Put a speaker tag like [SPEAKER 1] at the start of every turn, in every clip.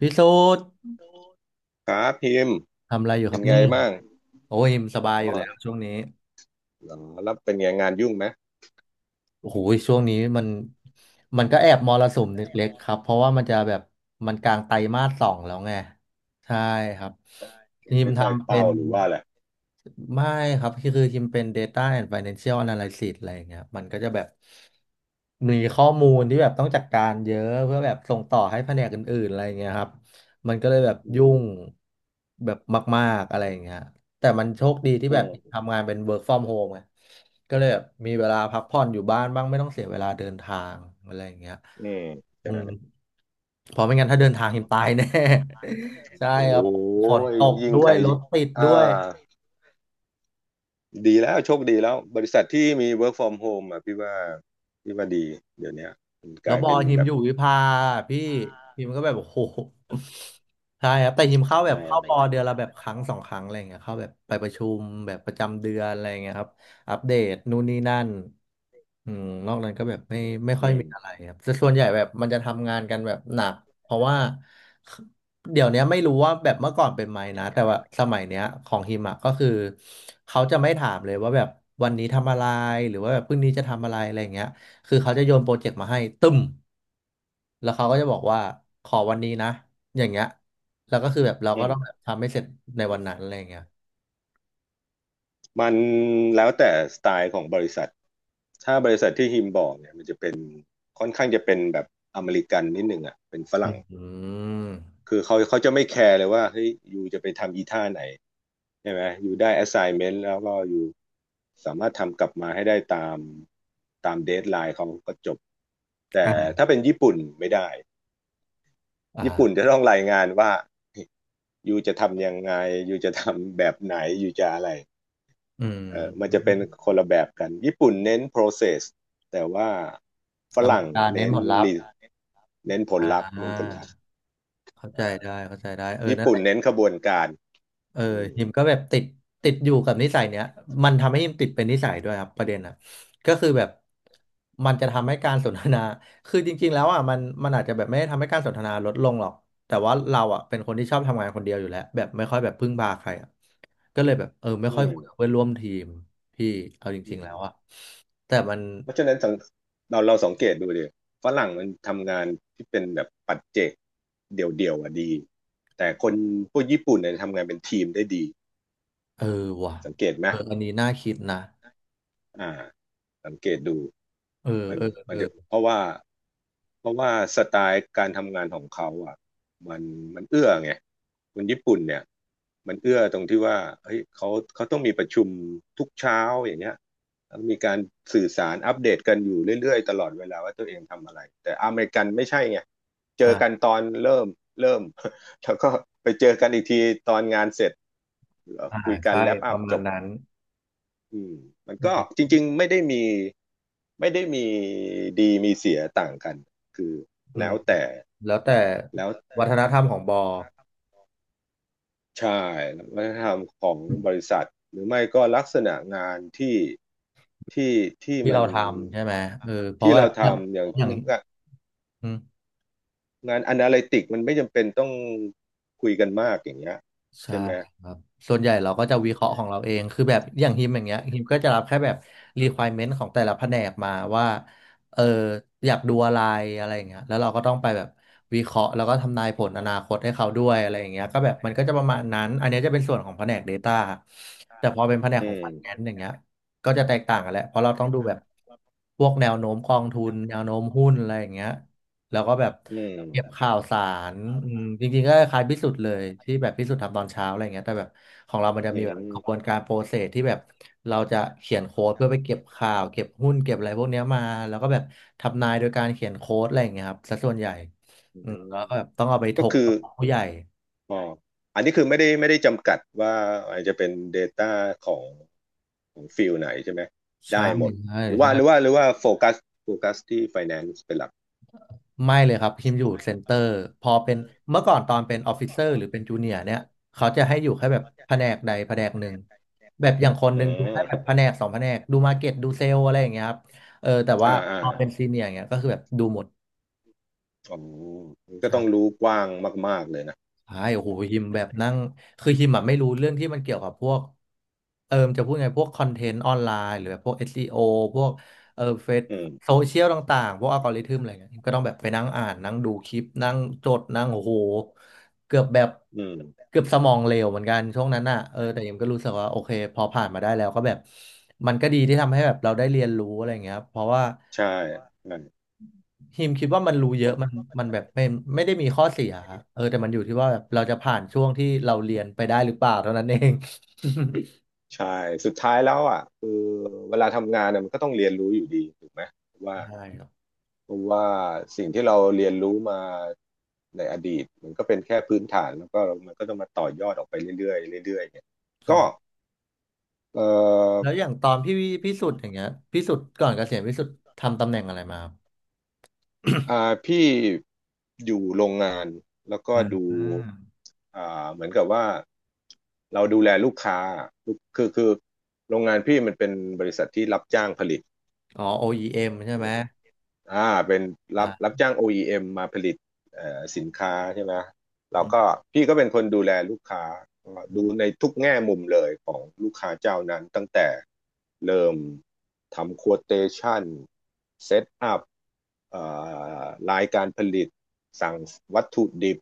[SPEAKER 1] พี่สูด
[SPEAKER 2] ครับพิมพ์
[SPEAKER 1] ทำอะไรอยู่ค
[SPEAKER 2] เป็
[SPEAKER 1] รั
[SPEAKER 2] น
[SPEAKER 1] บ
[SPEAKER 2] ไง
[SPEAKER 1] เนี่ย
[SPEAKER 2] บ้าง
[SPEAKER 1] โอ้ยสบาย
[SPEAKER 2] อ๋อ
[SPEAKER 1] อยู่แล้
[SPEAKER 2] เ
[SPEAKER 1] วช่วงนี้
[SPEAKER 2] หรัแล้วเป็นไงงานยุ่งไหม
[SPEAKER 1] โอ้โหช่วงนี้มันก็แอบมรสุมเล็กๆครับเพราะว่ามันจะแบบมันกลางไตรมาสสองแล้วไงใช่ครับ
[SPEAKER 2] ยั
[SPEAKER 1] ที
[SPEAKER 2] ง
[SPEAKER 1] ม
[SPEAKER 2] ไม่ได้
[SPEAKER 1] ทำเป็
[SPEAKER 2] เป้า
[SPEAKER 1] น
[SPEAKER 2] หรือว่าแหละไ
[SPEAKER 1] ไม่ครับคือคิมเป็น Data and Financial Analysis อะไรอย่างเงี้ยมันก็จะแบบมีข้อมูลที่แบบต้องจัดการเยอะเพื่อแบบส่งต่อให้แผนกอื่นๆอะไรอย่างเงี้ยครับมันก็เลยแบบ
[SPEAKER 2] ร
[SPEAKER 1] ยุ่งแบบมากๆอะไรอย่างเงี้ยแต่มันโชคดีที่
[SPEAKER 2] อื
[SPEAKER 1] แบบ
[SPEAKER 2] ม
[SPEAKER 1] ทำงานเป็น work from home ไงก็เลยแบบมีเวลาพักผ่อนอยู่บ้านบ้างไม่ต้องเสียเวลาเดินทางอะไรอย่างเงี้ย
[SPEAKER 2] อืม
[SPEAKER 1] อื
[SPEAKER 2] ใช่
[SPEAKER 1] มเพราะไม่งั้นถ้าเดินทาง หิมตายแน่ ใช่
[SPEAKER 2] โอ้
[SPEAKER 1] ครับฝน
[SPEAKER 2] ย
[SPEAKER 1] ตก
[SPEAKER 2] ยิ่ง
[SPEAKER 1] ด้ว
[SPEAKER 2] ใค
[SPEAKER 1] ย
[SPEAKER 2] ร
[SPEAKER 1] รถติด
[SPEAKER 2] อ่า
[SPEAKER 1] ด้วย
[SPEAKER 2] ดีแล้วโชคดีแล้วบริษัทที่มี work from home อ่ะพี่ว่าพี่ว่าดีเดี๋ยวเนี้ยมันก
[SPEAKER 1] แล้ว
[SPEAKER 2] ลาย
[SPEAKER 1] บอ
[SPEAKER 2] เป็น
[SPEAKER 1] ลฮิม
[SPEAKER 2] แบ
[SPEAKER 1] อ
[SPEAKER 2] บ
[SPEAKER 1] ยู่วิภาพี่ฮิมก็แบบโอ้โหใช่ครับแต่ฮิมเข้าแบ
[SPEAKER 2] อ่
[SPEAKER 1] บเข้าบอลเดือน
[SPEAKER 2] า
[SPEAKER 1] ละแบบครั้งสองครั้งอะไรอย่างเงี้ยเข้าแบบไปประชุมแบบประจำเดือนอะไรอย่างเงี้ยครับอัปเดตนู่นนี่นั่นอืมนอกนั้นก็แบบไม่ไม่
[SPEAKER 2] อื
[SPEAKER 1] ค่อยมีอะไร
[SPEAKER 2] ม
[SPEAKER 1] ครับแต่ส่วนใหญ่แบบมันจะทำงานกันแบบหนักเพราะว่าเดี๋ยวเนี้ยไม่รู้ว่าแบบเมื่อก่อนเป็นไหมนะแต่ว่าสมัยเนี้ยของฮิมอะก็คือเขาจะไม่ถามเลยว่าแบบวันนี้ทำอะไรหรือว่าแบบพรุ่งนี้จะทำอะไรอะไรอย่างเงี้ย คือเขาจะโยนโปรเจกต์มาให้ตึ้มแล้วเขาก็จะบอกว่าขอวันนี้นะอย่างเงี้ยแล้วก็คือแบบเราก็
[SPEAKER 2] อื
[SPEAKER 1] ต้องแบบ
[SPEAKER 2] ม
[SPEAKER 1] ทำให้เสร็จในวันนั้นอะไรอย่างเงี้ย
[SPEAKER 2] มันแล้วแต่สไตล์ของบริษัทถ้าบริษัทที่ฮิมบอกเนี่ยมันจะเป็นค่อนข้างจะเป็นแบบอเมริกันนิดหนึ่งอ่ะเป็นฝ
[SPEAKER 1] อื
[SPEAKER 2] รั่ง
[SPEAKER 1] มอ
[SPEAKER 2] คือเขาจะไม่แคร์เลยว่าเฮ้ยอยูจะไปทำอีท่าไหนใช่ไหมอยูได้ assignment แล้วก็อยูสามารถทำกลับมาให้ได้ตามเดทไลน์เขาก็จบแต่
[SPEAKER 1] ่ะ
[SPEAKER 2] ถ้าเป็นญี่ปุ่นไม่ได้
[SPEAKER 1] อ่
[SPEAKER 2] ญี่ปุ่น
[SPEAKER 1] า
[SPEAKER 2] จะต้องรายงานว่า อยูจะทำยังไงอยูจะทำแบบไหนอยูจะอะไร
[SPEAKER 1] อื
[SPEAKER 2] เออมันจะ
[SPEAKER 1] ม
[SPEAKER 2] เป็นคนละแบบกันญี่ปุ่นเน้น process แต่ว่าฝ
[SPEAKER 1] อเม
[SPEAKER 2] รั่ง
[SPEAKER 1] ริกาเน้น
[SPEAKER 2] เน้น
[SPEAKER 1] ผลลัพธ์
[SPEAKER 2] re- เน้นผล
[SPEAKER 1] อ่
[SPEAKER 2] ลัพธ์เน้นผล
[SPEAKER 1] า
[SPEAKER 2] ลัพธ์
[SPEAKER 1] เข้าใจ
[SPEAKER 2] อ่า
[SPEAKER 1] ได้เข้าใจได้เออ
[SPEAKER 2] ญี่
[SPEAKER 1] นั่นแห
[SPEAKER 2] ปุ่น
[SPEAKER 1] ละ
[SPEAKER 2] เน้นขบวนการ
[SPEAKER 1] เออ
[SPEAKER 2] อืม
[SPEAKER 1] ฮิมก็แบบติดอยู่กับนิสัยเนี้ยมันทำให้ฮิมติดเป็นนิสัยด้วยครับประเด็นอ่ะก็คือแบบมันจะทำให้การสนทนา คือจริงๆแล้วอ่ะมันอาจจะแบบไม่ได้ทำให้การสนทนาลดลงหรอกแต่ว่าเราอ่ะเป็นคนที่ชอบทำงานคนเดียวอยู่แล้วแบบไม่ค่อยแบบพึ่งพาใครอ่ะก็เลยแบบเออไม่
[SPEAKER 2] อื
[SPEAKER 1] ค่อยคุยกับ
[SPEAKER 2] ม
[SPEAKER 1] เพื่อนร่วมทีมพี่เอาจ
[SPEAKER 2] อื
[SPEAKER 1] ริงๆ
[SPEAKER 2] ม
[SPEAKER 1] แล้วอ่ะแต่มัน
[SPEAKER 2] เพราะฉะนั้นเราสังเกตดูดิฝรั่งมันทำงานที่เป็นแบบปัจเจกเดี่ยวๆอ่ะดีแต่คนพวกญี่ปุ่นเนี่ยทำงานเป็นทีมได้ดี
[SPEAKER 1] เออว่ะ
[SPEAKER 2] สังเกตไหม
[SPEAKER 1] เอออันนี้น่าคิดนะ
[SPEAKER 2] อ่าสังเกตดู
[SPEAKER 1] เออ
[SPEAKER 2] มัน
[SPEAKER 1] เออ
[SPEAKER 2] มั
[SPEAKER 1] เอ
[SPEAKER 2] น
[SPEAKER 1] อ
[SPEAKER 2] จะเพราะว่าเพราะว่าสไตล์การทำงานของเขาอ่ะมันมันเอื้อไงคนญี่ปุ่นเนี่ยมันเอื้อตรงที่ว่าเฮ้ยเขาต้องมีประชุมทุกเช้าอย่างเงี้ยแล้วมีการสื่อสารอัปเดตกันอยู่เรื่อยๆตลอดเวลาว่าตัวเองทำอะไรแต่อเมริกันไม่ใช่ไงเจอกัน
[SPEAKER 1] อ่า
[SPEAKER 2] ตอนเริ่มเริ่ม แล้วก็ไปเจอกันอีกทีตอนงานเสร็จ
[SPEAKER 1] อ่า
[SPEAKER 2] คุยกัน
[SPEAKER 1] ใช่
[SPEAKER 2] แลป
[SPEAKER 1] ป
[SPEAKER 2] อัพ
[SPEAKER 1] ระมา
[SPEAKER 2] จ
[SPEAKER 1] ณ
[SPEAKER 2] บ
[SPEAKER 1] นั้น
[SPEAKER 2] อืมมัน
[SPEAKER 1] อื
[SPEAKER 2] ก็จ
[SPEAKER 1] ม
[SPEAKER 2] ริงๆไม่ได้มีดีมีเสียต่างกันคือ
[SPEAKER 1] อื
[SPEAKER 2] แล้
[SPEAKER 1] ม
[SPEAKER 2] วแต่
[SPEAKER 1] แล้วแต่
[SPEAKER 2] แล้ว
[SPEAKER 1] วัฒนธรรมของบอ
[SPEAKER 2] ใช่วัฒนธรรมของบริษัทหรือไม่ก็ลักษณะงานที่ที่
[SPEAKER 1] ที่
[SPEAKER 2] มั
[SPEAKER 1] เรา
[SPEAKER 2] น
[SPEAKER 1] ทำใช่ไหมเออเพราะ
[SPEAKER 2] ที่
[SPEAKER 1] ว่า
[SPEAKER 2] เรา
[SPEAKER 1] อย่าง
[SPEAKER 2] ทำอย่าง
[SPEAKER 1] อย่างอืม
[SPEAKER 2] งานอนาลิติกมันไม่จำเป็นต้องคุยกันมากอย่างเงี้ย
[SPEAKER 1] ใช่
[SPEAKER 2] ใช่ไหม
[SPEAKER 1] ครับส่วนใหญ่เราก็
[SPEAKER 2] อื
[SPEAKER 1] จะวิเคราะ
[SPEAKER 2] ม
[SPEAKER 1] ห์ของเราเองคือแบบอย่างฮิมอย่างเงี้ยฮิมก็จะรับแค่แบบ requirement ของแต่ละแผนกมาว่าเอออยากดูอะไรอะไรอย่างเงี้ยแล้วเราก็ต้องไปแบบวิเคราะห์แล้วก็ทำนายผลอนาคตให้เขาด้วยอะไรอย่างเงี้ยก็แบบมันก็จะประมาณนั้นอันเนี้ยจะเป็นส่วนของแผนก Data แต่พอเป็นแผนก
[SPEAKER 2] อื
[SPEAKER 1] ของ
[SPEAKER 2] ม
[SPEAKER 1] Finance อย่างเงี้ยก็จะแตกต่างกันแหละเพราะเราต้องดูแบบพวกแนวโน้มกองทุนแนวโน้มหุ้นอะไรอย่างเงี้ย แล้วก็แบบ
[SPEAKER 2] อืม
[SPEAKER 1] เก็บข่าวสารอืมจริงๆก็คล้ายพิสุทธ์เลยที่แบบพิสุทธ์ทำตอนเช้าอะไรเงี้ยแต่แบบของเรามันจะ
[SPEAKER 2] อื
[SPEAKER 1] มีแบบ
[SPEAKER 2] ม
[SPEAKER 1] กระบวนการโปรเซสที่แบบเราจะเขียนโค้ดเพื่อไปเก็บข่าวเก็บหุ้นเก็บอะไรพวกเนี้ยมาแล้วก็แบบทำนายโดยการเขียนโค้ดอะไรอย่างเงี้ยครับซะส่วนใหญ่
[SPEAKER 2] อื
[SPEAKER 1] อืมแล้ว
[SPEAKER 2] ม
[SPEAKER 1] ก็แบบต้องเอาไปถ
[SPEAKER 2] ก็
[SPEAKER 1] ก
[SPEAKER 2] คือ
[SPEAKER 1] กับผู้ใหญ่
[SPEAKER 2] อ๋ออันนี้คือไม่ได้จำกัดว่าอาจจะเป็น Data ของของฟิลไหนใช่ไหม
[SPEAKER 1] ใช่
[SPEAKER 2] ได้หมด
[SPEAKER 1] ใช่
[SPEAKER 2] หรือว่า
[SPEAKER 1] ใช่
[SPEAKER 2] โฟกัสโฟกัสที่ Finance เป็นหลัก
[SPEAKER 1] ไม่เลยครับพิมอยู่เซ็นเตอร์พอเป็นเมื่อก่อนตอนเป็นออฟฟิเซอร์หรือเป็นจูเนียร์เนี่ยเขาจะให้อยู่แค่แบบแผนกใดแผนกหนึ่งแบบอย่างคนห
[SPEAKER 2] อื
[SPEAKER 1] นึ่งดู
[SPEAKER 2] ม
[SPEAKER 1] แค่แบบแผนกสองแผนกดูมาร์เก็ตดูเซลอะไรอย่างเงี้ยครับเออแต่ว่า
[SPEAKER 2] อ่าอ่า
[SPEAKER 1] พอเป็นซีเนียร์เงี้ยก็คือแบบดูหมด
[SPEAKER 2] อ๋อมันก็ต้องรู้กว้างมากๆเลยนะ
[SPEAKER 1] ใช่โอ้โหฮิมแบบนั่ง คือฮิมอะไม่รู้เรื่องที่มันเกี่ยวกับพวกเออมนจะพูดไงพวกคอนเทนต์ออนไลน์หรือแบบพวก SEO พวกเออเฟซ
[SPEAKER 2] อืม
[SPEAKER 1] โซเชียลต่างๆ พวกอัลกอริทึมอะไรเงี้ยฮิมก็ต้องแบบไปนั่งอ่านนั่งดูคลิปนั่งจดนั่งโอ้โหเกือบแบบ
[SPEAKER 2] อืม
[SPEAKER 1] เกือบสมองเหลวเหมือนกันช่วงนั้นอ่ะเออแต่ฮิมก็รู้สึกว่าโอเคพอผ่านมาได้แล้วก็แบบมันก็ดีที่ทำให้แบบเราได้เรียนรู้อะไรเงี้ยครับเพราะว่า
[SPEAKER 2] ใช่ใช่
[SPEAKER 1] ฮิมคิดว่ามันรู้เยอะมันมันแบบไม่ไม่ได้มีข้อเสียครับเออแต่มันอยู่ที่ว่าแบบเราจะผ่านช่วงที่เราเรียนไปได้หรือเปล่าเท่านั้นเอง
[SPEAKER 2] ใช่สุดท้ายแล้วอ่ะคือเวลาทำงานเนี่ยมันก็ต้องเรียนรู้อยู่ดีถูกไหมว่า
[SPEAKER 1] ใช่ครับ
[SPEAKER 2] เพราะว่าสิ่งที่เราเรียนรู้มาในอดีตมันก็เป็นแค่พื้นฐานแล้วก็มันก็ต้องมาต่อยอดออกไปเรื่อยๆเรื่อยๆเนี่ย
[SPEAKER 1] ใช่
[SPEAKER 2] ก็เอ่
[SPEAKER 1] แล้
[SPEAKER 2] อ
[SPEAKER 1] วอย่างตอนพี่พิสุทธิ์อย่างเงี้ยพิสุทธิ์ก่อนเกษียณพิสุทธิ์ทำตำแหน่งอะไรมาครับ
[SPEAKER 2] อ่าพี่อยู่โรงงานแล้วก็
[SPEAKER 1] อ่
[SPEAKER 2] ดู
[SPEAKER 1] า
[SPEAKER 2] เหมือนกับว่าเราดูแลลูกค้าลูกคือโรงงานพี่มันเป็นบริษัทที่รับจ้างผลิต
[SPEAKER 1] อ๋อ OEM ใช่ไหม
[SPEAKER 2] อ่าเป็น
[SPEAKER 1] อ่า
[SPEAKER 2] รับจ้าง OEM มมาผลิตเอ่อสินค้าใช่ไหมเรา
[SPEAKER 1] อืม
[SPEAKER 2] ก็พี่ก็เป็นคนดูแลลูกค้าก็ดูในทุกแง่มุมเลยของลูกค้าเจ้านั้นตั้งแต่เริ่มทำ quotation เซตอัพเอ่อรายการผลิตสั่งวัตถุดิบ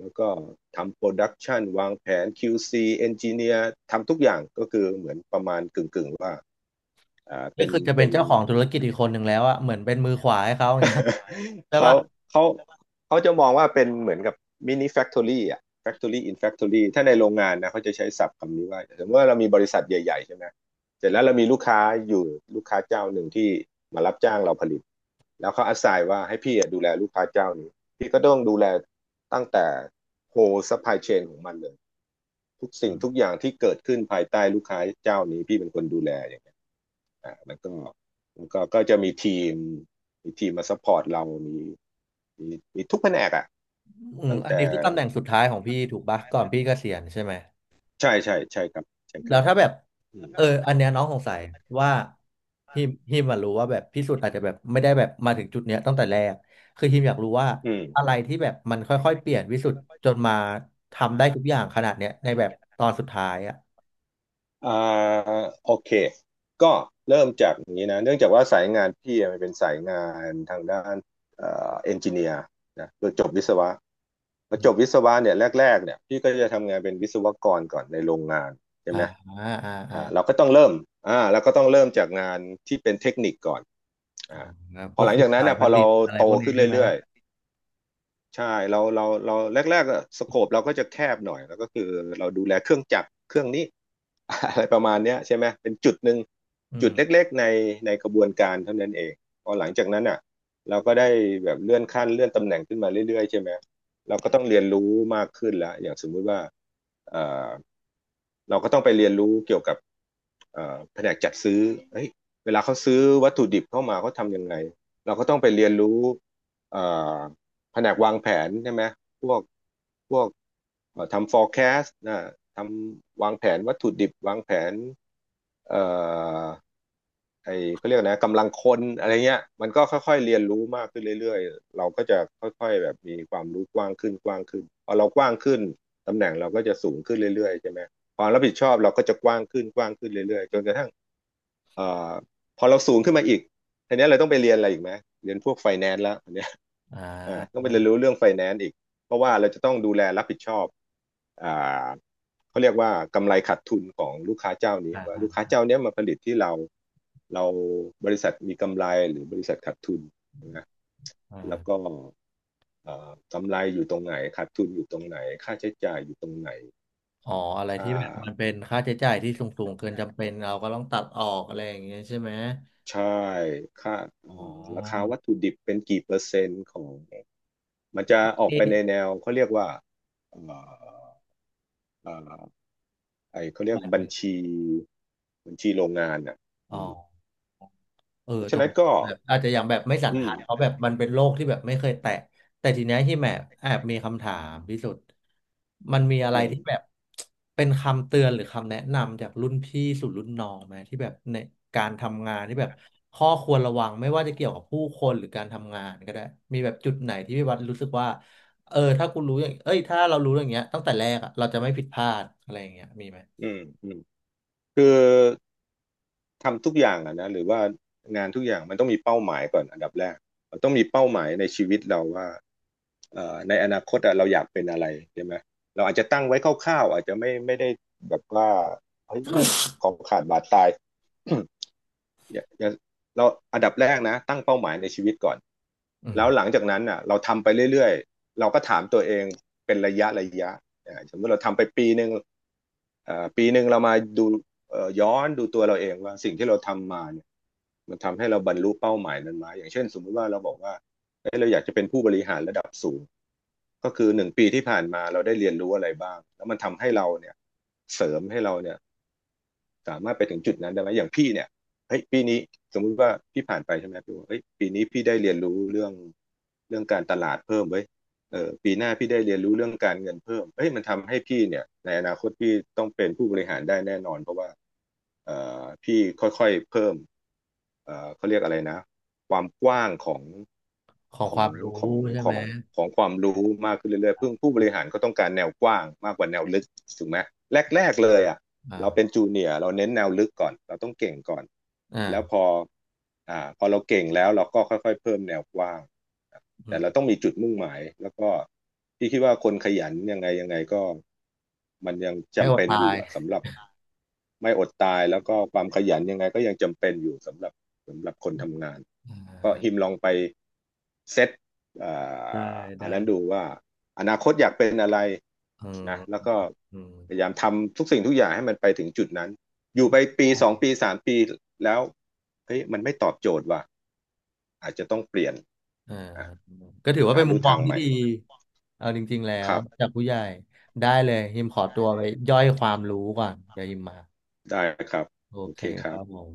[SPEAKER 2] แล้วก็ทำโปรดักชันวางแผน QC เอนจิเนียร์ทำทุกอย่างก็คือเหมือนประมาณกึ่งๆว่าอ่า
[SPEAKER 1] ก็
[SPEAKER 2] เป็น
[SPEAKER 1] คือจะเป็น
[SPEAKER 2] เป็น
[SPEAKER 1] เจ้าของธุรกิจอีกคนหนึ่งแล้วอะเหมือนเป็นมือขวาให้เขาอย่างเงี้ยใช่
[SPEAKER 2] เขา
[SPEAKER 1] ปะ
[SPEAKER 2] เขาเขาจะมองว่าเป็นเหมือนกับมินิแฟคทอรี่อ่ะแฟ c t อรี่อินแฟ o r อรี่ถ้าในโรงงานนะเขาจะใช้ศัพท์คำนี้ว่าสมมติว่าเรามีบริษัทใหญ่ๆใช่ไหมเสร็จแล้วเรามีลูกค้าอยู่ลูกค้าเจ้าหนึ่งที่มารับจ้างเราผลิตแล้วเขาอาศัยว่าให้พี่อะดูแลลูกค้าเจ้านี้พี่ก็ต้องดูแลตั้งแต่โฮซัพพลายเชนของมันเลยทุกสิ่
[SPEAKER 1] อื
[SPEAKER 2] งทุก
[SPEAKER 1] ม
[SPEAKER 2] อย่างที่เกิดขึ้นภายใต้ลูกค้าเจ้านี้พี่เป็นคนดูแลอย่าง อ่าแล้วก็แล้วก็ก็จะมีทีมมีทีมมาซัพพอร์ตเรามีมีทุกแผนกอ่ะ
[SPEAKER 1] อืม
[SPEAKER 2] ตั้ง
[SPEAKER 1] อัน
[SPEAKER 2] แต่
[SPEAKER 1] นี้คือตำแหน่งสุดท้ายของพี่ถูกปะก่อนพี่เกษียณใช่ไหม
[SPEAKER 2] ใช่ครับใช่ค
[SPEAKER 1] แล้
[SPEAKER 2] รั
[SPEAKER 1] ว
[SPEAKER 2] บ
[SPEAKER 1] ถ้าแบบ
[SPEAKER 2] อืม
[SPEAKER 1] อันเนี้ยน้องสงสัยว่าฮิมอะรู้ว่าแบบพิสูจน์อาจจะแบบไม่ได้แบบมาถึงจุดเนี้ยตั้งแต่แรกคือฮิมอยากรู้ว่า
[SPEAKER 2] อืม
[SPEAKER 1] อะไรที่แบบมันค่อยๆเปลี่ยนวิสุทธ์จนมาทำได้ทุกอย่างขนาดเนี้ยในแบบตอนสุดท้ายอ่ะ
[SPEAKER 2] อ่าโอเคก็เริ่มจากอย่างนี้นะเนื่องจากว่าสายงานพี่มันเป็นสายงานทางด้านเอ่อเอนจิเนียร์นะคือจบวิศวะพอ
[SPEAKER 1] อื
[SPEAKER 2] จ
[SPEAKER 1] ม
[SPEAKER 2] บวิศวะเนี่ยแรกๆเนี่ยพี่ก็จะทำงานเป็นวิศวกรก่อนในโรงงานใช่
[SPEAKER 1] อ่า
[SPEAKER 2] ไหม
[SPEAKER 1] อ่าอ่าอ่า
[SPEAKER 2] อ่าเราก็ต้องเริ่มอ่าเราก็ต้องเริ่มจากงานที่เป็นเทคนิคก่อนอ่าพ
[SPEAKER 1] พ
[SPEAKER 2] อ
[SPEAKER 1] วก
[SPEAKER 2] หลัง
[SPEAKER 1] คุ
[SPEAKER 2] จา
[SPEAKER 1] ม
[SPEAKER 2] กนั้น
[SPEAKER 1] สาย
[SPEAKER 2] นะ
[SPEAKER 1] ผ
[SPEAKER 2] พอ
[SPEAKER 1] ลิ
[SPEAKER 2] เรา
[SPEAKER 1] ตอะไร
[SPEAKER 2] โต
[SPEAKER 1] พวกนี้
[SPEAKER 2] ขึ้น
[SPEAKER 1] ใช่ไหม
[SPEAKER 2] เรื่อย ใช่เราแรกๆอะสโคปเราก็จะแคบหน่อยแล้วก็คือเราดูแลเครื่องจักรเครื่องนี้ อะไรประมาณเนี้ยใช่ไหมเป็นจุดหนึ่ง
[SPEAKER 1] อื
[SPEAKER 2] จุ
[SPEAKER 1] ม
[SPEAKER 2] ดเล็กๆในกระบวนการเท่านั้นเองพอหลังจากนั้นอ่ะเราก็ได้แบบเลื่อนขั้นเลื่อนตำแหน่งขึ้นมาเรื่อยๆใช่ไหมเราก็ต้องเรียนรู้มากขึ้นละอย่างสมมุติว่าเอ่อเราก็ต้องไปเรียนรู้เกี่ยวกับแผนกจัดซื้อเฮ้ยเวลาเขาซื้อวัตถุดิบเข้ามาเขาทำยังไงเราก็ต้องไปเรียนรู้เอ่อ แผนกวางแผนใช่ไหมพวกพวกทำ forecast นะทำวางแผนวัตถุดิบวางแผนเอ่อ ไอ้เขาเรียกนะกำลังคนอะไรเงี้ยมันก็ค่อยๆเรียนรู้มากขึ้นเรื่อยๆเราก็จะค่อยๆแบบมีความรู้กว้างขึ้นกว้างขึ้นพอเรากว้างขึ้นตำแหน่งเราก็จะสูงขึ้นเรื่อยๆใช่ไหมความรับผิดชอบเราก็จะกว้างขึ้นกว้างขึ้นเรื่อยๆจนกระทั่งเอ่อพอเราสูงขึ้นมาอีกทีนี้เราต้องไปเรียนอะไรอีกไหมเรียนพวกไฟแนนซ์แล้วอันเนี้ย
[SPEAKER 1] อ่
[SPEAKER 2] ต้องไป
[SPEAKER 1] า
[SPEAKER 2] เรียนรู้เรื่องไฟแนนซ์อีกเพราะว่าเราจะต้องดูแลรับผิดชอบอ่า เขาเรียกว่ากำไรขาดทุนของลูกค้าเจ้านี้
[SPEAKER 1] อ่า
[SPEAKER 2] ว่า
[SPEAKER 1] อ่า
[SPEAKER 2] ลูกค้าเจ้านี้มาผลิตที่เราเราบริษัทมีกำไรหรือบริษัทขาดทุนนะ
[SPEAKER 1] อ่
[SPEAKER 2] แล้วก็
[SPEAKER 1] า
[SPEAKER 2] กำไรอยู่ตรงไหนขาดทุนอยู่ตรงไหนค่าใช้จ่ายอยู่ตรงไหน
[SPEAKER 1] อ๋ออะไร
[SPEAKER 2] ค่
[SPEAKER 1] ที่แบบมัน
[SPEAKER 2] า
[SPEAKER 1] เป็นค่าใช้จ่ายที่สูงๆเกินจำเป็นเราก็ต้องตัดออกอะไรอย่างเงี้ยใช่ไหม
[SPEAKER 2] ใช่ค่า
[SPEAKER 1] อ๋
[SPEAKER 2] ่
[SPEAKER 1] อ
[SPEAKER 2] ราคาวัตถุดิบเป็นกี่เปอร์เซ็นต์ของมันจะออก
[SPEAKER 1] ที่
[SPEAKER 2] ไปในแนวเขาเรียกว่าเไอเขาเรียกบัญชีบัญชีโรงงานอ่ะ
[SPEAKER 1] อ๋อ
[SPEAKER 2] เพราะ
[SPEAKER 1] ตร
[SPEAKER 2] ฉะ
[SPEAKER 1] ง
[SPEAKER 2] นั้น
[SPEAKER 1] นี้
[SPEAKER 2] ก็
[SPEAKER 1] แบบอาจจะยังแบบไม่
[SPEAKER 2] อืม
[SPEAKER 1] สันทัดเพ
[SPEAKER 2] นี้
[SPEAKER 1] ราะแบบมันเป็นโลกที่แบบไม่เคยแตะ แต่ทีเนี้ยที่แมบแอบมีคำถามพิสุทธิ์มันมีอะ
[SPEAKER 2] อื
[SPEAKER 1] ไร
[SPEAKER 2] ม
[SPEAKER 1] ที่แบบเป็นคำเตือนหรือคำแนะนำจากรุ่นพี่สู่รุ่นน้องไหมที่แบบในการทำงานที่แบบข้อควรระวังไม่ว่าจะเกี่ยวกับผู้คนหรือการทำงานก็ได้มีแบบจุดไหนที่พี่วัดรู้สึกว่าถ้ากูรู้อย่างเอ้ยถ้าเรารู้อย่างเงี้ยตั้งแต่แรกอะเราจะไม่ผิดพลาดอะไรอย่างเงี้ยมีไหม
[SPEAKER 2] อืมอืมคือทำทุกอย่างอะนะหรือว่างานทุกอย่างมันต้องมีเป้าหมายก่อนอันดับแรกเราต้องมีเป้าหมายในชีวิตเราว่าในอนาคตอะเราอยากเป็นอะไรใช่ไหมเราอาจจะตั้งไว้คร่าวๆอาจจะไม่ได้แบบว่าเฮ้ยของขาดบาดตาย อย่าอย่าเราอันดับแรกนะตั้งเป้าหมายในชีวิตก่อน
[SPEAKER 1] อืม
[SPEAKER 2] แล้วหลังจากนั้นอ่ะเราทำไปเรื่อยๆเราก็ถามตัวเองเป็นระยะระยะสมมติเราทำไปปีหนึ่งปีหนึ่งเรามาดูย้อนดูตัวเราเองว่าสิ่งที่เราทำมาเนี่ยมันทำให้เราบรรลุเป้าหมายนั้นไหมอย่างเช่นสมมติว่าเราบอกว่าเอ้ยเราอยากจะเป็นผู้บริหารระดับสูงก็คือหนึ่งปีที่ผ่านมาเราได้เรียนรู้อะไรบ้างแล้วมันทำให้เราเนี่ยเสริมให้เราเนี่ย สามารถไปถึงจุดนั้นได้ไหมอย่างพี่เนี่ยเฮ้ยปีนี้สมมุติว่าพี่ผ่านไปใช่ไหมพี่บอกเฮ้ยปีนี้พี่ได้เรียนรู้เรื่องการตลาดเพิ่มเว้ยเออปีหน้าพี่ได้เรียนรู้เรื่องการเงินเพิ่มเฮ้ยมันทำให้พี่เนี่ยในอนาคตพี่ต้องเป็นผู้บริหารได้แน่นอนเพราะว่าเอ่พี่ค่อยๆเพิ่มเขาเรียกอะไรนะความกว้าง
[SPEAKER 1] ของ
[SPEAKER 2] ข
[SPEAKER 1] ค
[SPEAKER 2] อง
[SPEAKER 1] วามรู้
[SPEAKER 2] ของ
[SPEAKER 1] ใช่
[SPEAKER 2] ข
[SPEAKER 1] ไหม
[SPEAKER 2] องของความรู้มากขึ้นเรื่อยๆเพิ่งผู้บริหารก็ต้องการแนวกว้างมากกว่าแนวลึกถูกไหมแรกๆเลยอ่ะ เราเป็น
[SPEAKER 1] อ่า
[SPEAKER 2] จูเนียร์เราเน้นแนวลึกก่อนเราต้องเก่งก่อนแล้วพ
[SPEAKER 1] อ่า
[SPEAKER 2] ออ่าพอเราเก่งแล้วเราก็ค่อยๆเพิ่มแนวกว้าง
[SPEAKER 1] อื
[SPEAKER 2] แต่
[SPEAKER 1] ม
[SPEAKER 2] เราต้องมีจุดมุ่งหมายแล้วก็พี่คิดว่าคนขยันยังไงยังไงก็มันยัง
[SPEAKER 1] ไม่อ
[SPEAKER 2] จำ
[SPEAKER 1] ด
[SPEAKER 2] เป็น
[SPEAKER 1] ตา
[SPEAKER 2] อยู่
[SPEAKER 1] ย
[SPEAKER 2] อะสำหรับ ไม่อดตายแล้วก็ความขยันยังไงก็ยังจำเป็นอยู่สำหรับคนทำงาน
[SPEAKER 1] อ่
[SPEAKER 2] ก็ฮิม
[SPEAKER 1] า
[SPEAKER 2] ลองไปเซตเอ่
[SPEAKER 1] ได้
[SPEAKER 2] าอันนั้นดู
[SPEAKER 1] ได้
[SPEAKER 2] ว่าอนาคตอยากเป็นอะไร
[SPEAKER 1] อืม
[SPEAKER 2] นะแล้วก็
[SPEAKER 1] อืม
[SPEAKER 2] พยายามทำทุกสิ่งทุกอย่างให้มันไปถึงจุดนั้นอยู่ไปปีสองปีสามปีแล้วเฮ้ยมันไม่ตอบโจทย์ว่ะอาจจะต้องเปลี่ยน
[SPEAKER 1] อ่า
[SPEAKER 2] อ่ะ
[SPEAKER 1] ก็ถือว่า
[SPEAKER 2] หา
[SPEAKER 1] เป็นมุ
[SPEAKER 2] ลู่
[SPEAKER 1] มม
[SPEAKER 2] ทา
[SPEAKER 1] อง
[SPEAKER 2] งให
[SPEAKER 1] ที่
[SPEAKER 2] ม่
[SPEAKER 1] ดี เอาจริงๆแล้
[SPEAKER 2] ค
[SPEAKER 1] ว
[SPEAKER 2] รับ
[SPEAKER 1] จากผู้ใหญ่ได้เลยฮิมขอตัวไปย่อยความรู้ก่อนเดี๋ยวฮิมมา
[SPEAKER 2] ได้ครับ
[SPEAKER 1] โอ
[SPEAKER 2] โอ
[SPEAKER 1] เค
[SPEAKER 2] เคค
[SPEAKER 1] ค
[SPEAKER 2] รับ
[SPEAKER 1] รับผม